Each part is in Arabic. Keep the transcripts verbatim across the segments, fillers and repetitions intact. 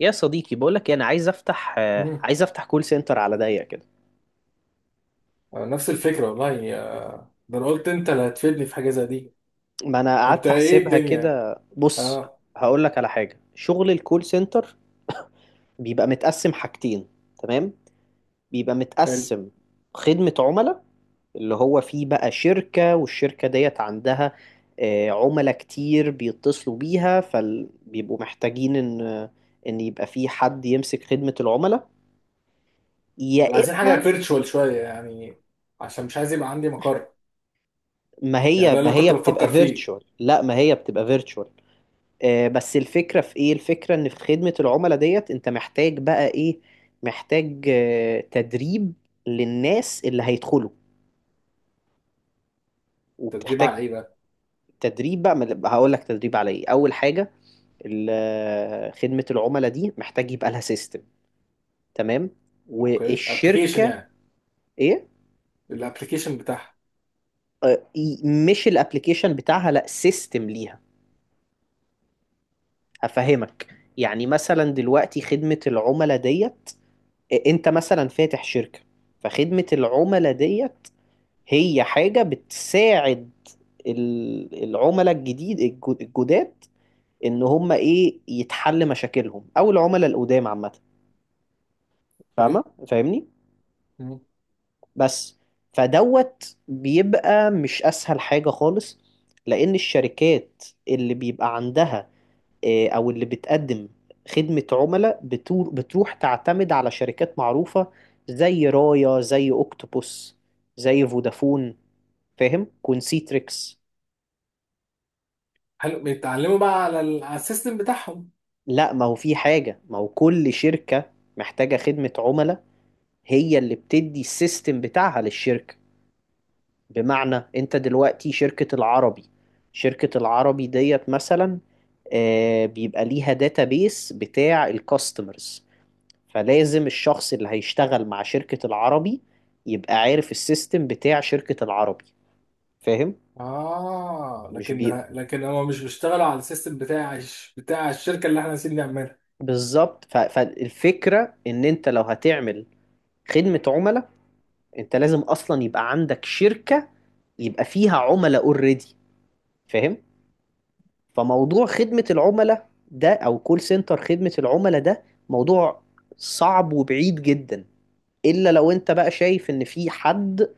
يا صديقي، بقولك إيه، انا عايز افتح آه، مم. عايز افتح كول سنتر على ضيق كده. نفس الفكرة والله آه، ده انا قلت انت اللي هتفيدني في حاجة زي دي. ما انا انت قعدت ايه احسبها الدنيا؟ كده، بص، اه. هقولك على حاجه. شغل الكول سنتر بيبقى متقسم حاجتين، تمام؟ بيبقى حلو. متقسم، خدمه عملاء، اللي هو فيه بقى شركه، والشركه ديت عندها آه، عملاء كتير بيتصلوا بيها، فبيبقوا محتاجين ان ان يبقى في حد يمسك خدمه العملاء. يا عايزين حاجة اما فيرتشوال شوية يعني، عشان مش عايز يبقى عندي مقر. ما يعني هي ده اللي ما أنا هي كنت بتبقى بفكر فيه. فيرتشوال، لا، ما هي بتبقى فيرتشوال. آه، بس الفكرة في ايه؟ الفكرة ان في خدمة العملاء ديت انت محتاج بقى ايه؟ محتاج آه، تدريب للناس اللي هيدخلوا، تدريب وبتحتاج على ايه بقى؟ تدريب بقى. ما- هقول لك تدريب على ايه اول حاجة. ال- آه، خدمة العملاء دي محتاج يبقى لها سيستم، تمام؟ اوكي، ابلكيشن والشركة، يعني؟ ايه؟ الابلكيشن بتاعها. آه، ي- مش الابليكيشن بتاعها، لا، سيستم ليها. هفهمك. يعني مثلا دلوقتي خدمة العملاء ديت، آه، انت مثلا فاتح شركة، فخدمة العملاء ديت هي حاجة بتساعد ال- العملاء الجديد الجو- الجداد، ان هم ايه، يتحل مشاكلهم، او العملاء القدام عامة. فاهمة اوكي. فاهمني؟ مم. بس فدوت بيبقى مش اسهل حاجة خالص، لان الشركات اللي بيبقى عندها آه، او اللي بتقدم خدمة عملاء بتور- بتروح تعتمد على شركات معروفة، زي رايا، زي اوكتوبوس، زي فودافون، فاهم؟ كونسيتريكس. حلو. بيتعلموا بقى على ال- على السيستم بتاعهم؟ لا، ما هو في حاجة ما هو كل شركة محتاجة خدمة عملاء، هي اللي بتدي السيستم بتاعها للشركة. بمعنى، انت دلوقتي شركة العربي شركة العربي ديت مثلا آه، بيبقى ليها داتابيس بتاع الكاستمرز. فلازم الشخص اللي هيشتغل مع شركة العربي يبقى عارف السيستم بتاع شركة العربي. فاهم؟ اه، مش لكن بي لكن هما مش بيشتغلوا على السيستم بتاع الش- بتاع الشركة اللي احنا عايزين نعملها. بالظبط. ف- فالفكرة ان انت لو هتعمل خدمة عملاء، انت لازم اصلا يبقى عندك شركة يبقى فيها عملاء اوريدي. فاهم؟ فموضوع خدمة العملاء ده، او كول سنتر خدمة العملاء ده، موضوع صعب وبعيد جدا، الا لو انت بقى شايف ان في حد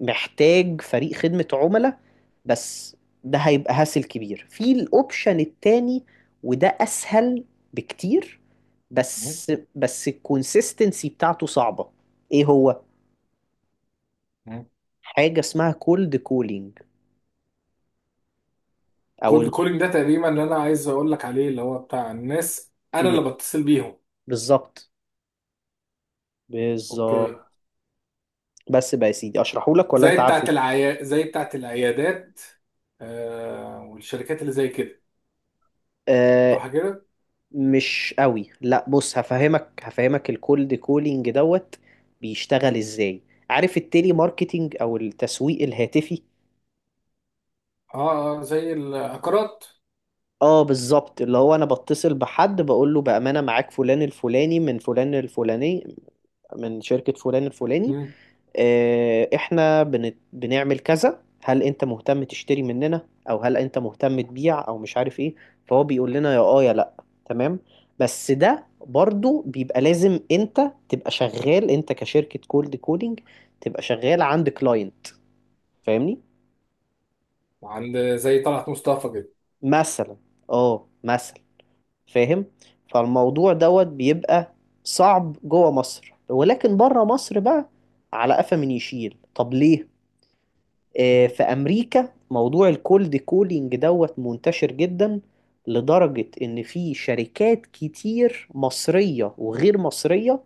محتاج فريق خدمة عملاء بس. ده هيبقى هاسل كبير. في الاوبشن التاني، وده اسهل بكتير، بس بس الكونسيستنسي بتاعته صعبة. ايه هو؟ مم. حاجة اسمها كولد كولينج، كولد او، كولينج ده تقريبا اللي انا عايز اقول لك عليه، اللي هو بتاع الناس انا مم. اللي بتصل بيهم. بالظبط، بالظبط. اوكي. بس بقى يا سيدي، اشرحه لك ولا انت زي عارفه؟ بتاعت العيا زي بتاعت العيادات، آه، والشركات اللي زي كده، صح آه، كده؟ مش قوي. لا، بص، هفهمك هفهمك الكولد كولينج دوت بيشتغل ازاي. عارف التيلي ماركتينج او التسويق الهاتفي؟ اه اه، زي العقارات. اه، بالظبط، اللي هو انا بتصل بحد بقول له: بامانه معاك فلان الفلاني من فلان الفلاني، من شركه فلان الفلاني، مم. آه، احنا بن... بنعمل كذا، هل انت مهتم تشتري مننا، او هل انت مهتم تبيع، او مش عارف ايه. فهو بيقول لنا يا اه يا لا، تمام. بس ده برضو بيبقى لازم انت تبقى شغال، انت كشركة كولد كولينج تبقى شغال عند كلاينت. فاهمني؟ عند زي طلعت مصطفى كده. مثلا، اه مثلا. فاهم. فالموضوع دوت بيبقى صعب جوه مصر، ولكن بره مصر بقى على قفا من يشيل. طب ليه؟ آه، مم. في امريكا موضوع الكولد كولينج دوت منتشر جدا، لدرجة ان في شركات كتير مصرية وغير مصرية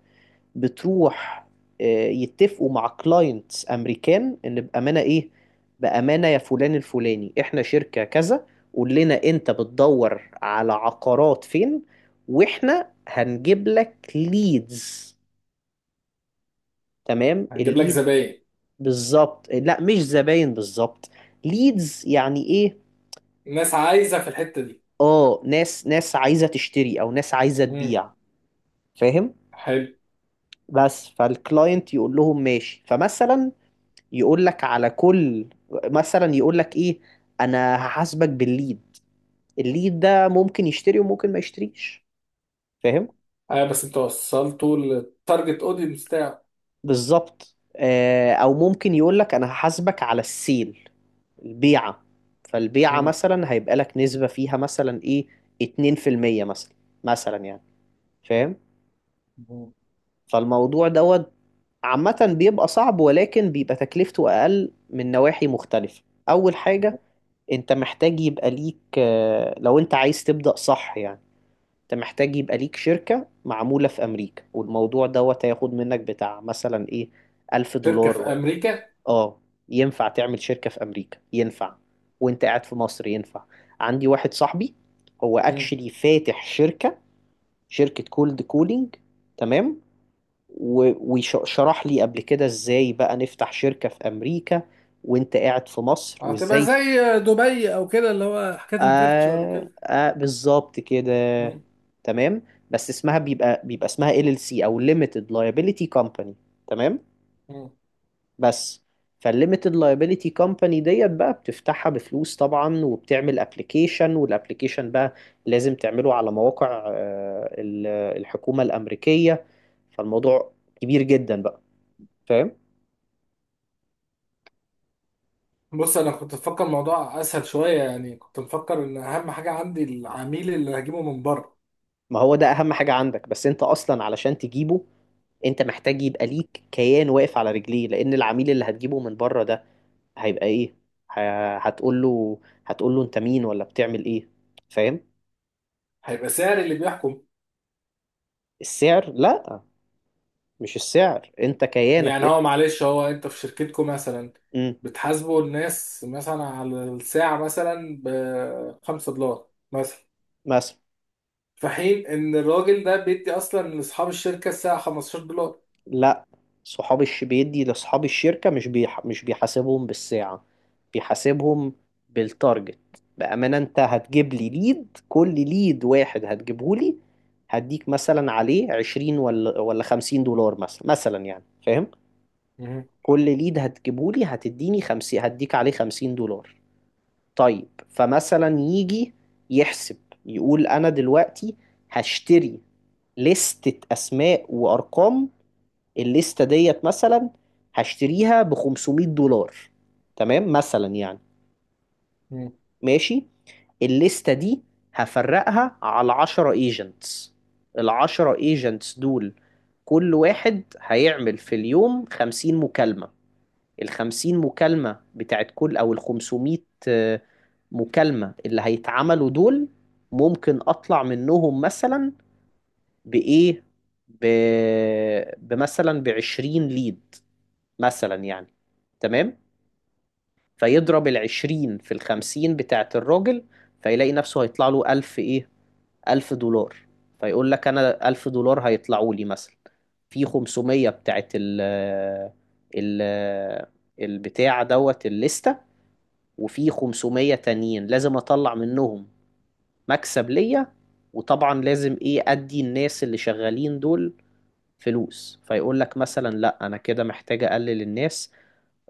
بتروح آه، يتفقوا مع كلاينتس امريكان ان بامانة ايه، بامانة يا فلان الفلاني، احنا شركة كذا، قول لنا انت بتدور على عقارات فين، واحنا هنجيب لك ليدز، تمام؟ هنجيب لك الليد، زباين. بالظبط، لا مش زباين بالظبط، ليدز. يعني ايه؟ الناس عايزه في الحته دي. اه، ناس ناس عايزه تشتري، او ناس عايزه مم. تبيع. فاهم؟ حلو. بس فالكلاينت يقول لهم ماشي، فمثلا يقول لك على كل، مثلا يقول لك ايه، انا هحاسبك بالليد، الليد ده ممكن يشتري وممكن ما يشتريش. فاهم؟ اه بس انت وصلته للتارجت اودينس بتاعه. بالظبط. آه، او ممكن يقول لك انا هحاسبك على السيل، البيعه. فالبيعه مم. مثلا هيبقى لك نسبه فيها مثلا ايه، اتنين في المية مثلا، مثلا يعني. فاهم؟ مم. فالموضوع دوت عامة بيبقى صعب، ولكن بيبقى تكلفته أقل من نواحي مختلفة. أول حاجة، أنت محتاج يبقى ليك آه، لو أنت عايز تبدأ صح يعني، أنت محتاج يبقى ليك شركة معمولة في أمريكا، والموضوع دوت هياخد منك بتاع مثلا إيه، ألف شركه دولار في ولا، امريكا؟ آه. ينفع تعمل شركة في أمريكا؟ ينفع. وأنت قاعد في مصر؟ ينفع. عندي واحد صاحبي هو أكشلي فاتح شركة، شركة كولد كولينج، تمام، وشرح لي قبل كده ازاي بقى نفتح شركة في امريكا وانت قاعد في مصر، هتبقى وازاي. زي دبي او كده، اللي هو حكايه الفيرتشوال آه وكده. آه، بالظبط كده. مم. تمام. بس اسمها بيبقى بيبقى اسمها ال ال سي، او limited liability company، تمام. مم. بس فالليميتد liability company ديت بقى بتفتحها بفلوس طبعا، وبتعمل ابلكيشن، والابلكيشن بقى لازم تعمله على مواقع آه، ال- الحكومة الأمريكية. فالموضوع كبير جدا بقى. فاهم؟ بص، انا كنت مفكر الموضوع اسهل شويه يعني، كنت مفكر ان اهم حاجه عندي العميل اللي هجيبه من بره. ما هو ده اهم حاجة عندك، بس انت اصلا علشان تجيبه، انت محتاج يبقى ليك كيان واقف على رجليه، لان العميل اللي هتجيبه من بره ده، هيبقى ايه؟ ه- هتقول له هتقول له انت مين ولا بتعمل ايه. فاهم؟ هيبقى سعر اللي بيحكم. السعر؟ لا، مش السعر، انت كيانك يعني انت. هو معلش، هو انت في شركتكم مثلا امم بتحاسبوا الناس مثلا على الساعه مثلا ب خمسة دولار مثلا، مثلا. في حين ان الراجل ده بيدي اصلا لاصحاب الشركه الساعه خمسة عشر دولار. لا، صحاب الش بيدي لاصحاب الشركة، مش بيح... مش بيحاسبهم بالساعة، بيحاسبهم بالتارجت. بأمانة، انت هتجيب لي ليد، كل ليد واحد هتجيبه لي، هديك مثلا عليه عشرين ولا ولا خمسين دولار، مثلا مثلا يعني، فاهم؟ كل ليد هتجيبه لي هتديني خمسين، هديك عليه خمسين دولار. طيب، فمثلا يجي يحسب، يقول انا دلوقتي هشتري لستة اسماء وارقام، الليستة ديت مثلا هشتريها ب خمسمية دولار، تمام مثلا يعني. مم. ماشي، الليستة دي هفرقها على عشرة ايجنتس. ال عشرة ايجنتس دول كل واحد هيعمل في اليوم خمسين مكالمة. ال خمسين مكالمة بتاعت كل، او ال خمسمية آه، مكالمة اللي هيتعملوا دول، ممكن اطلع منهم مثلا بايه، ب... بمثلا ب عشرين ليد، مثلا يعني، تمام. فيضرب العشرين في الخمسين بتاعة الراجل، فيلاقي نفسه هيطلع له ألف، إيه، ألف دولار. فيقول لك أنا ألف دولار هيطلعوا لي مثلا، في خمسمية بتاعة ال ال البتاع دوت الليستة، وفي خمسمية تانيين لازم أطلع منهم مكسب ليا. وطبعا لازم إيه، أدي الناس اللي شغالين دول فلوس. فيقول لك مثلا لا، أنا كده محتاج أقلل الناس،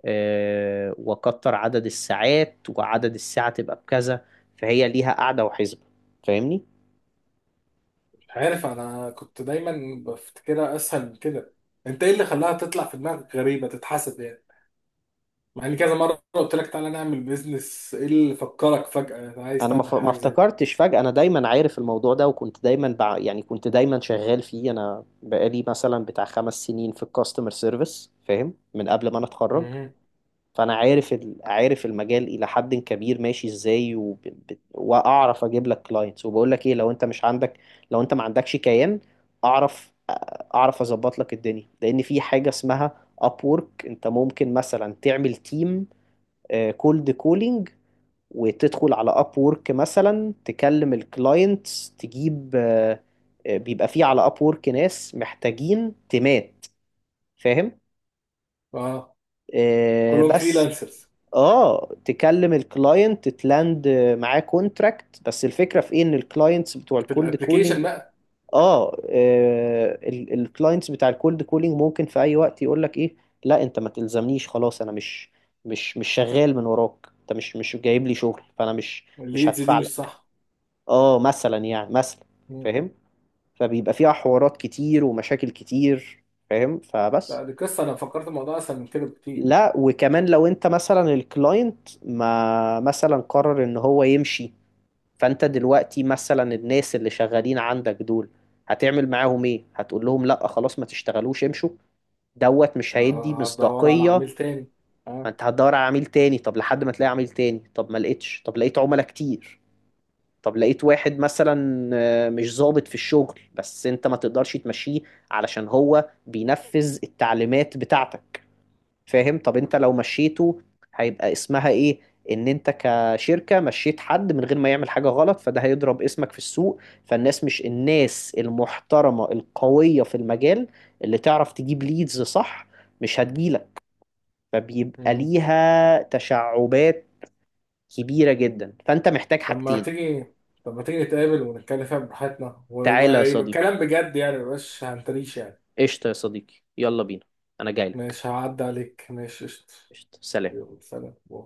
آه، وكتر عدد الساعات، وعدد الساعة تبقى بكذا. فهي ليها قاعدة وحسبة. فاهمني؟ عارف، انا كنت دايما بفتكرها اسهل من كده. انت ايه اللي خلاها تطلع في دماغك غريبه تتحسب يعني؟ مع ان كذا مره قلت لك تعالى نعمل بيزنس، ايه اللي فكرك فجاه عايز انا ما ف- تعمل ما حاجه زي دي؟ افتكرتش فجأة، انا دايما عارف الموضوع ده، وكنت دايما بع... يعني كنت دايما شغال فيه. انا بقالي مثلا بتاع خمس سنين في الكاستمر سيرفيس، فاهم، من قبل ما انا اتخرج. مهم. فانا عارف ال- عارف المجال الى حد كبير ماشي ازاي، وب... ب- واعرف اجيب لك كلاينتس. وبقول لك ايه، لو انت مش عندك، لو انت ما عندكش كيان، اعرف، اعرف اظبط لك الدنيا. لان في حاجه اسمها ابورك، انت ممكن مثلا تعمل تيم كولد كولينج، وتدخل على ابورك مثلا تكلم الكلاينتس، تجيب آه، آه، بيبقى فيه على ابورك ناس محتاجين تيمات. فاهم؟ اه. آه، كلهم بس، فريلانسرز؟ اه، تكلم الكلاينت تلاند معاه كونتراكت. بس الفكره في ايه، ان الكلاينتس بتوع في الكولد الابليكيشن كولينج، بقى. اه الكلاينتس بتاع الكولد كولينج ممكن في اي وقت يقول لك ايه، لا انت ما تلزمنيش خلاص، انا مش، مش مش شغال من وراك، انت مش مش جايب لي شغل، فانا مش، مش الليدز هدفع دي مش لك. صح؟ اه مثلا يعني، مثلا، مم. فاهم. فبيبقى فيها حوارات كتير ومشاكل كتير. فاهم، لا، فبس. دي قصه، انا فكرت الموضوع اسهل من كده بكتير. لا، وكمان لو انت مثلا الكلاينت ما مثلا قرر ان هو يمشي، فانت دلوقتي مثلا الناس اللي شغالين عندك دول، هتعمل معاهم ايه؟ هتقول لهم لا خلاص ما تشتغلوش امشوا؟ دوت مش هيدي آه، هدور على مصداقية. عميل تاني. ما اه. انت هتدور على عميل تاني، طب لحد ما تلاقي عميل تاني، طب ما لقيتش، طب لقيت عملاء كتير، طب لقيت واحد مثلا آه، مش ظابط في الشغل، بس انت ما تقدرش تمشيه، علشان هو بينفذ التعليمات بتاعتك. فاهم؟ طب انت لو مشيته، هيبقى اسمها ايه، ان انت كشركة مشيت حد من غير ما يعمل حاجة غلط. فده هيضرب اسمك في السوق، فالناس، مش الناس المحترمة القوية في المجال اللي تعرف تجيب ليدز صح، مش هتجيلك. فبيبقى مهم. ليها تشعبات كبيرة جدا، فانت محتاج طب ما حاجتين. تيجي، طب ما تيجي نتقابل ونتكلم فيها براحتنا تعالى يا ويبقى يبقى صديقي، الكلام بجد يعني، مبقاش هنتريش يعني. قشطة يا صديقي، يلا بينا، انا جاي لك، ماشي، هعدي عليك، ماشي قشطة. قشطة، سلام. يلا سلام باي.